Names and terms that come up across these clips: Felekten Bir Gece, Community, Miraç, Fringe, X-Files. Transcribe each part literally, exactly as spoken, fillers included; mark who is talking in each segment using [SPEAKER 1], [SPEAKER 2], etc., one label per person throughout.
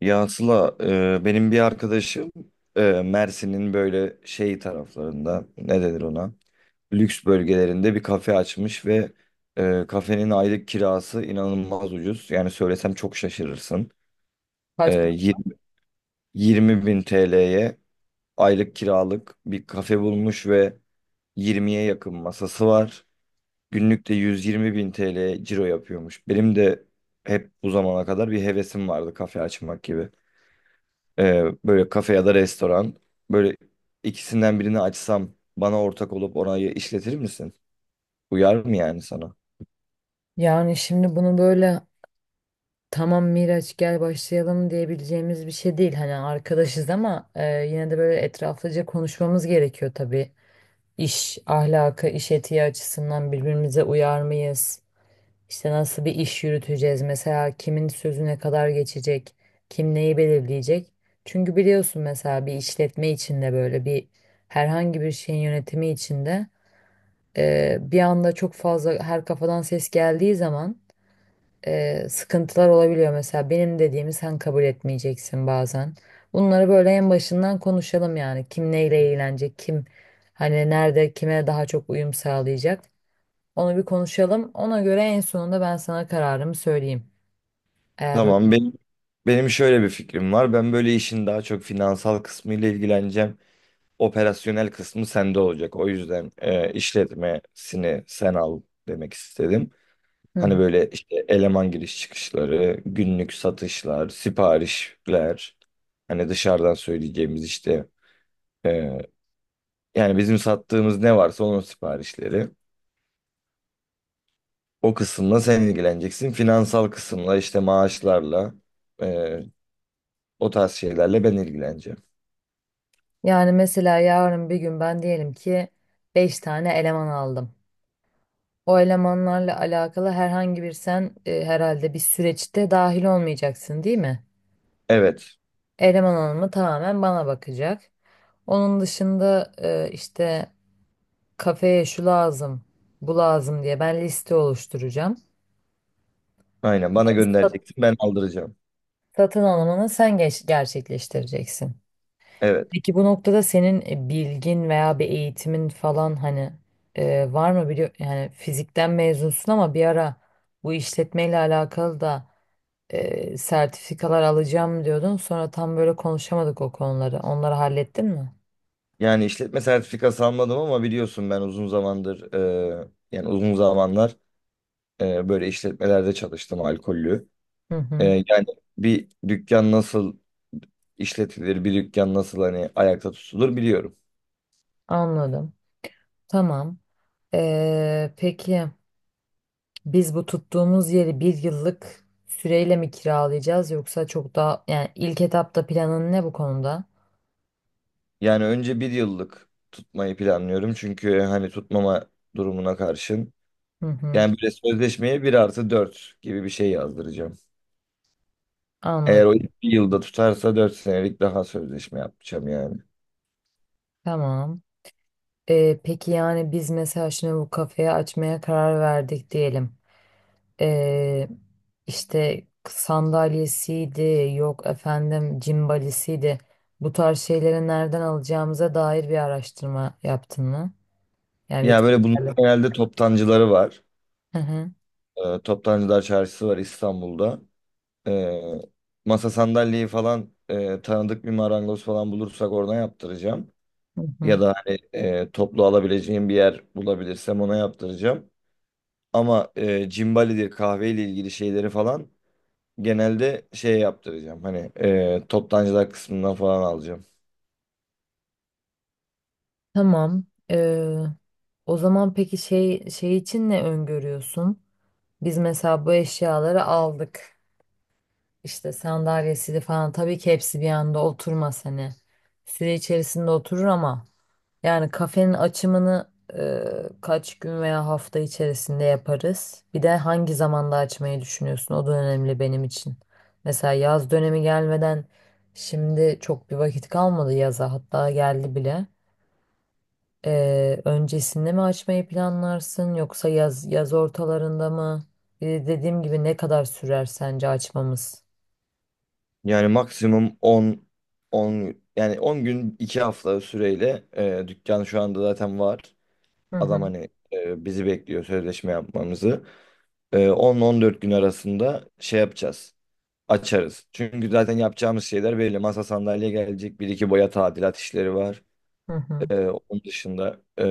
[SPEAKER 1] Ya Sıla, e, benim bir arkadaşım e, Mersin'in böyle şey taraflarında ne denir ona? Lüks bölgelerinde bir kafe açmış ve e, kafenin aylık kirası inanılmaz ucuz. Yani söylesem çok şaşırırsın. E,
[SPEAKER 2] Kaç.
[SPEAKER 1] 20, yirmi bin T L'ye aylık kiralık bir kafe bulmuş ve yirmiye yakın masası var. Günlük de yüz yirmi bin T L ciro yapıyormuş. Benim de hep bu zamana kadar bir hevesim vardı kafe açmak gibi. Ee, böyle kafe ya da restoran. Böyle ikisinden birini açsam bana ortak olup orayı işletir misin? Uyar mı yani sana?
[SPEAKER 2] Yani şimdi bunu böyle tamam Miraç gel başlayalım diyebileceğimiz bir şey değil. Hani arkadaşız ama e, yine de böyle etraflıca konuşmamız gerekiyor tabii. İş ahlakı, iş etiği açısından birbirimize uyar mıyız? İşte nasıl bir iş yürüteceğiz? Mesela kimin sözü ne kadar geçecek? Kim neyi belirleyecek? Çünkü biliyorsun mesela bir işletme içinde böyle bir herhangi bir şeyin yönetimi içinde e, bir anda çok fazla her kafadan ses geldiği zaman e, sıkıntılar olabiliyor. Mesela benim dediğimi sen kabul etmeyeceksin bazen. Bunları böyle en başından konuşalım yani. Kim neyle eğlenecek, kim hani nerede kime daha çok uyum sağlayacak. Onu bir konuşalım. Ona göre en sonunda ben sana kararımı söyleyeyim. Eğer öyle.
[SPEAKER 1] Tamam benim benim şöyle bir fikrim var. Ben böyle işin daha çok finansal kısmıyla ilgileneceğim. Operasyonel kısmı sende olacak. O yüzden e, işletmesini sen al demek istedim.
[SPEAKER 2] Hı
[SPEAKER 1] Hani
[SPEAKER 2] hı.
[SPEAKER 1] böyle işte eleman giriş çıkışları, günlük satışlar, siparişler, hani dışarıdan söyleyeceğimiz işte e, yani bizim sattığımız ne varsa onun siparişleri. O kısımla sen ilgileneceksin. Finansal kısımla işte maaşlarla, e, O tarz şeylerle ben ilgileneceğim.
[SPEAKER 2] Yani mesela yarın bir gün ben diyelim ki beş tane eleman aldım. O elemanlarla alakalı herhangi bir sen e, herhalde bir süreçte dahil olmayacaksın değil mi?
[SPEAKER 1] Evet.
[SPEAKER 2] Eleman alımı tamamen bana bakacak. Onun dışında e, işte kafeye şu lazım, bu lazım diye ben liste oluşturacağım.
[SPEAKER 1] Aynen bana
[SPEAKER 2] Sat-
[SPEAKER 1] göndereceksin ben aldıracağım.
[SPEAKER 2] Satın alımını sen geç- gerçekleştireceksin.
[SPEAKER 1] Evet.
[SPEAKER 2] Peki bu noktada senin e, bilgin veya bir eğitimin falan hani e, var mı biliyor yani fizikten mezunsun ama bir ara bu işletmeyle alakalı da e, sertifikalar alacağım diyordun. Sonra tam böyle konuşamadık o konuları. Onları hallettin mi?
[SPEAKER 1] Yani işletme sertifikası almadım ama biliyorsun ben uzun zamandır e, yani uzun zamanlar e, böyle işletmelerde çalıştım alkollü.
[SPEAKER 2] Hı
[SPEAKER 1] E,
[SPEAKER 2] hı,
[SPEAKER 1] yani bir dükkan nasıl işletilir, bir dükkan nasıl hani ayakta tutulur biliyorum.
[SPEAKER 2] anladım. Tamam. Ee, peki. Biz bu tuttuğumuz yeri bir yıllık süreyle mi kiralayacağız yoksa çok daha yani ilk etapta planın ne bu konuda?
[SPEAKER 1] Yani önce bir yıllık tutmayı planlıyorum. Çünkü e, hani tutmama durumuna karşın.
[SPEAKER 2] Hı hı,
[SPEAKER 1] Yani böyle sözleşmeye bir artı dört gibi bir şey yazdıracağım. Eğer o
[SPEAKER 2] anladım.
[SPEAKER 1] ilk bir yılda tutarsa dört senelik daha sözleşme yapacağım yani.
[SPEAKER 2] Tamam. Ee, peki yani biz mesela şimdi bu kafeyi açmaya karar verdik diyelim. Ee, işte sandalyesiydi, yok efendim cimbalisiydi. Bu tarz şeyleri nereden alacağımıza dair bir araştırma yaptın mı? Yani bir
[SPEAKER 1] Ya böyle bunun
[SPEAKER 2] kriterle.
[SPEAKER 1] genelde toptancıları var.
[SPEAKER 2] Hı hı,
[SPEAKER 1] Ee, Toptancılar Çarşısı var İstanbul'da. Ee, masa sandalyeyi falan e, tanıdık bir marangoz falan bulursak oradan yaptıracağım.
[SPEAKER 2] hı
[SPEAKER 1] Ya
[SPEAKER 2] hı.
[SPEAKER 1] da hani e, toplu alabileceğim bir yer bulabilirsem ona yaptıracağım. Ama e, cimbalidir kahveyle ilgili şeyleri falan genelde şey yaptıracağım. Hani e, toptancılar kısmından falan alacağım.
[SPEAKER 2] Tamam. Ee, o zaman peki şey şey için ne öngörüyorsun? Biz mesela bu eşyaları aldık. İşte sandalyesini falan tabii ki hepsi bir anda oturmaz hani. Süre içerisinde oturur ama yani kafenin açımını e, kaç gün veya hafta içerisinde yaparız? Bir de hangi zamanda açmayı düşünüyorsun? O da önemli benim için. Mesela yaz dönemi gelmeden şimdi çok bir vakit kalmadı yaza hatta geldi bile. Ee, öncesinde mi açmayı planlarsın yoksa yaz yaz ortalarında mı? Bir de dediğim gibi ne kadar sürer sence açmamız?
[SPEAKER 1] Yani maksimum on on yani on gün iki hafta süreyle e, dükkan şu anda zaten var.
[SPEAKER 2] Hı hı,
[SPEAKER 1] Adam hani e, bizi bekliyor sözleşme yapmamızı. E, on ile on dört gün arasında şey yapacağız. Açarız. Çünkü zaten yapacağımız şeyler belli. Masa sandalye gelecek. Bir iki boya tadilat işleri var.
[SPEAKER 2] hı hı.
[SPEAKER 1] E, onun dışında e,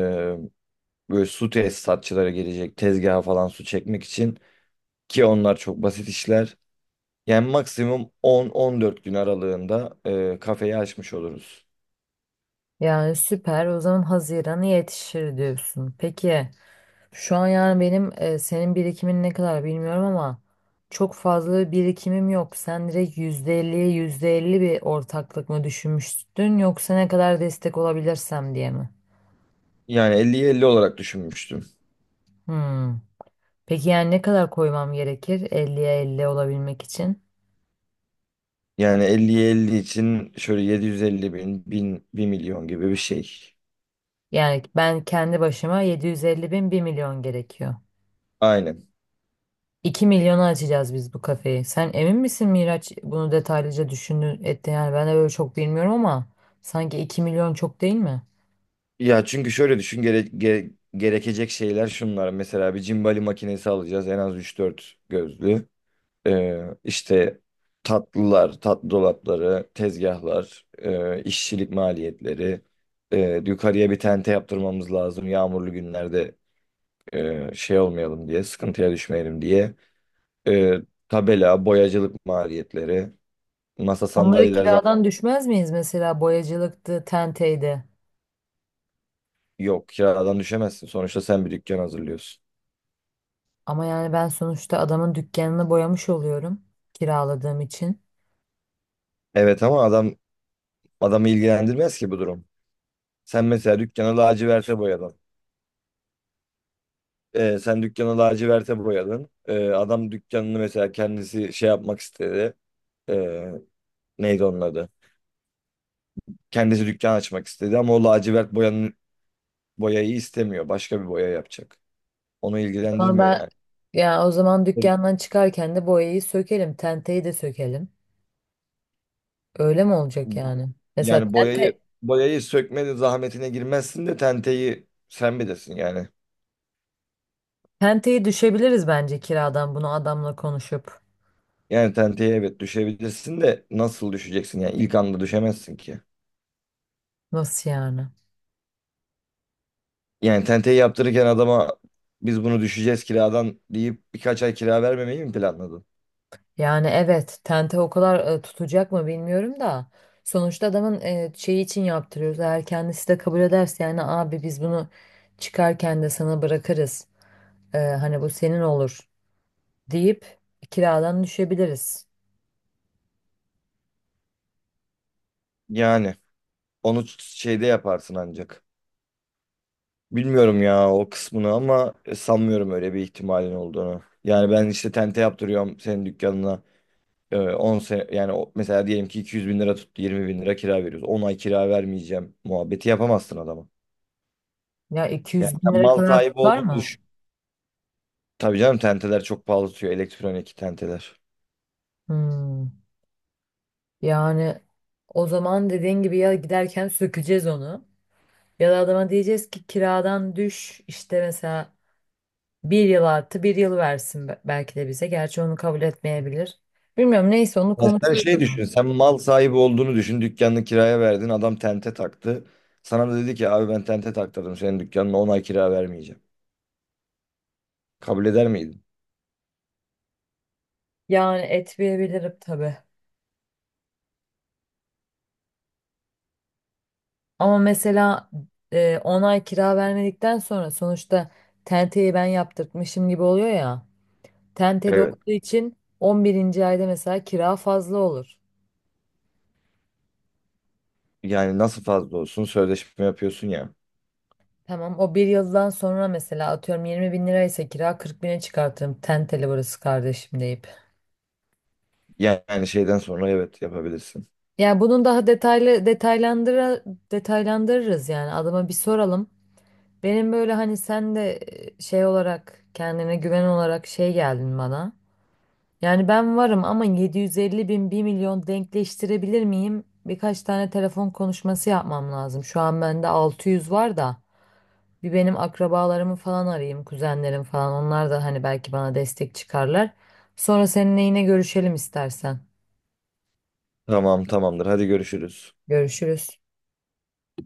[SPEAKER 1] Böyle su tesisatçılara gelecek tezgaha falan su çekmek için ki onlar çok basit işler. Yani maksimum on on dört gün aralığında e, kafeyi açmış oluruz.
[SPEAKER 2] Yani süper. O zaman Haziran'a yetişir diyorsun. Peki şu an yani benim e, senin birikimin ne kadar bilmiyorum ama çok fazla bir birikimim yok. Sen direkt yüzde elliye yüzde elli bir ortaklık mı düşünmüştün yoksa ne kadar destek olabilirsem diye mi?
[SPEAKER 1] Yani elliye elli olarak düşünmüştüm.
[SPEAKER 2] Hı. Peki yani ne kadar koymam gerekir Elliye elli olabilmek için?
[SPEAKER 1] Yani elliye elli için şöyle yedi yüz elli bin, bin, bir milyon gibi bir şey.
[SPEAKER 2] Yani ben kendi başıma yedi yüz elli bin bir milyon gerekiyor.
[SPEAKER 1] Aynen.
[SPEAKER 2] iki milyona açacağız biz bu kafeyi. Sen emin misin Miraç bunu detaylıca düşündün etti? Yani ben de böyle çok bilmiyorum ama sanki iki milyon çok değil mi?
[SPEAKER 1] Ya çünkü şöyle düşün gere, ge- gerekecek şeyler şunlar. Mesela bir cimbali makinesi alacağız en az üç dört gözlü. Ee, işte tatlılar, tatlı dolapları, tezgahlar, e, işçilik maliyetleri. E, yukarıya bir tente yaptırmamız lazım. Yağmurlu günlerde e, şey olmayalım diye, sıkıntıya düşmeyelim diye. E, tabela, boyacılık maliyetleri. Masa
[SPEAKER 2] Onları
[SPEAKER 1] sandalyeler zaten
[SPEAKER 2] kiradan düşmez miyiz mesela boyacılıktı, tenteydi.
[SPEAKER 1] yok. Kiradan düşemezsin. Sonuçta sen bir dükkan hazırlıyorsun.
[SPEAKER 2] Ama yani ben sonuçta adamın dükkanını boyamış oluyorum kiraladığım için.
[SPEAKER 1] Evet ama adam adamı ilgilendirmez ki bu durum. Sen mesela dükkanı laciverte boyadın. Ee, sen dükkanı laciverte boyadın. Ee, adam dükkanını mesela kendisi şey yapmak istedi. Ee, neydi onun adı? Kendisi dükkan açmak istedi ama o lacivert boyanın, boyayı istemiyor. Başka bir boya yapacak. Onu
[SPEAKER 2] Ama
[SPEAKER 1] ilgilendirmiyor
[SPEAKER 2] ben
[SPEAKER 1] yani.
[SPEAKER 2] yani o zaman dükkandan çıkarken de boyayı sökelim, tenteyi de sökelim. Öyle mi olacak yani? Mesela
[SPEAKER 1] Yani boyayı
[SPEAKER 2] tente,
[SPEAKER 1] boyayı sökmenin zahmetine girmezsin de tenteyi sen bilirsin yani.
[SPEAKER 2] tenteye düşebiliriz bence kiradan bunu adamla konuşup.
[SPEAKER 1] Yani tenteye evet düşebilirsin de nasıl düşeceksin yani ilk anda düşemezsin ki.
[SPEAKER 2] Nasıl yani?
[SPEAKER 1] Yani tenteyi yaptırırken adama biz bunu düşeceğiz kiradan deyip birkaç ay kira vermemeyi mi planladın?
[SPEAKER 2] Yani evet tente o kadar e, tutacak mı bilmiyorum da. Sonuçta adamın e, şeyi için yaptırıyoruz. Eğer kendisi de kabul ederse yani abi biz bunu çıkarken de sana bırakırız. E, hani bu senin olur deyip kiradan düşebiliriz.
[SPEAKER 1] Yani onu şeyde yaparsın ancak. Bilmiyorum ya o kısmını ama e, sanmıyorum öyle bir ihtimalin olduğunu. Yani ben işte tente yaptırıyorum senin dükkanına. Ee, on sene yani o- mesela diyelim ki iki yüz bin lira tuttu yirmi bin lira kira veriyoruz. on ay kira vermeyeceğim muhabbeti yapamazsın adama.
[SPEAKER 2] Ya
[SPEAKER 1] Yani
[SPEAKER 2] iki yüz bin
[SPEAKER 1] sen
[SPEAKER 2] lira
[SPEAKER 1] mal
[SPEAKER 2] kadar
[SPEAKER 1] sahibi
[SPEAKER 2] tutar
[SPEAKER 1] olduğunu
[SPEAKER 2] mı?
[SPEAKER 1] düşün. Tabii canım tenteler çok pahalı tutuyor elektronik tenteler.
[SPEAKER 2] Hmm. Yani o zaman dediğin gibi ya giderken sökeceğiz onu. Ya da adama diyeceğiz ki kiradan düş işte mesela bir yıl artı bir yıl versin be- belki de bize. Gerçi onu kabul etmeyebilir. Bilmiyorum neyse onu
[SPEAKER 1] Ya sen
[SPEAKER 2] konuşuruz. O
[SPEAKER 1] şey
[SPEAKER 2] zaman.
[SPEAKER 1] düşün sen mal sahibi olduğunu düşün dükkanını kiraya verdin adam tente taktı. Sana da dedi ki abi ben tente taktırdım senin dükkanına on ay kira vermeyeceğim. Kabul eder miydin?
[SPEAKER 2] Yani etmeyebilirim tabii. Ama mesela e, on ay kira vermedikten sonra sonuçta tenteyi ben yaptırtmışım gibi oluyor ya. Tenteli
[SPEAKER 1] Evet.
[SPEAKER 2] olduğu için on birinci ayda mesela kira fazla olur.
[SPEAKER 1] Yani nasıl fazla olsun sözleşme yapıyorsun ya.
[SPEAKER 2] Tamam o bir yıldan sonra mesela atıyorum yirmi bin liraysa kira kırk bine çıkartırım. Tenteli burası kardeşim deyip.
[SPEAKER 1] Yani şeyden sonra evet yapabilirsin.
[SPEAKER 2] Yani bunun daha detaylı detaylandıra detaylandırırız yani adama bir soralım. Benim böyle hani sen de e, şey olarak kendine güven olarak şey geldin bana. Yani ben varım ama yedi yüz elli bin bir milyon denkleştirebilir miyim? Birkaç tane telefon konuşması yapmam lazım. Şu an bende altı yüz var da bir benim akrabalarımı falan arayayım, kuzenlerim falan. Onlar da hani belki bana destek çıkarlar. Sonra seninle yine görüşelim istersen.
[SPEAKER 1] Tamam tamamdır hadi görüşürüz.
[SPEAKER 2] Görüşürüz.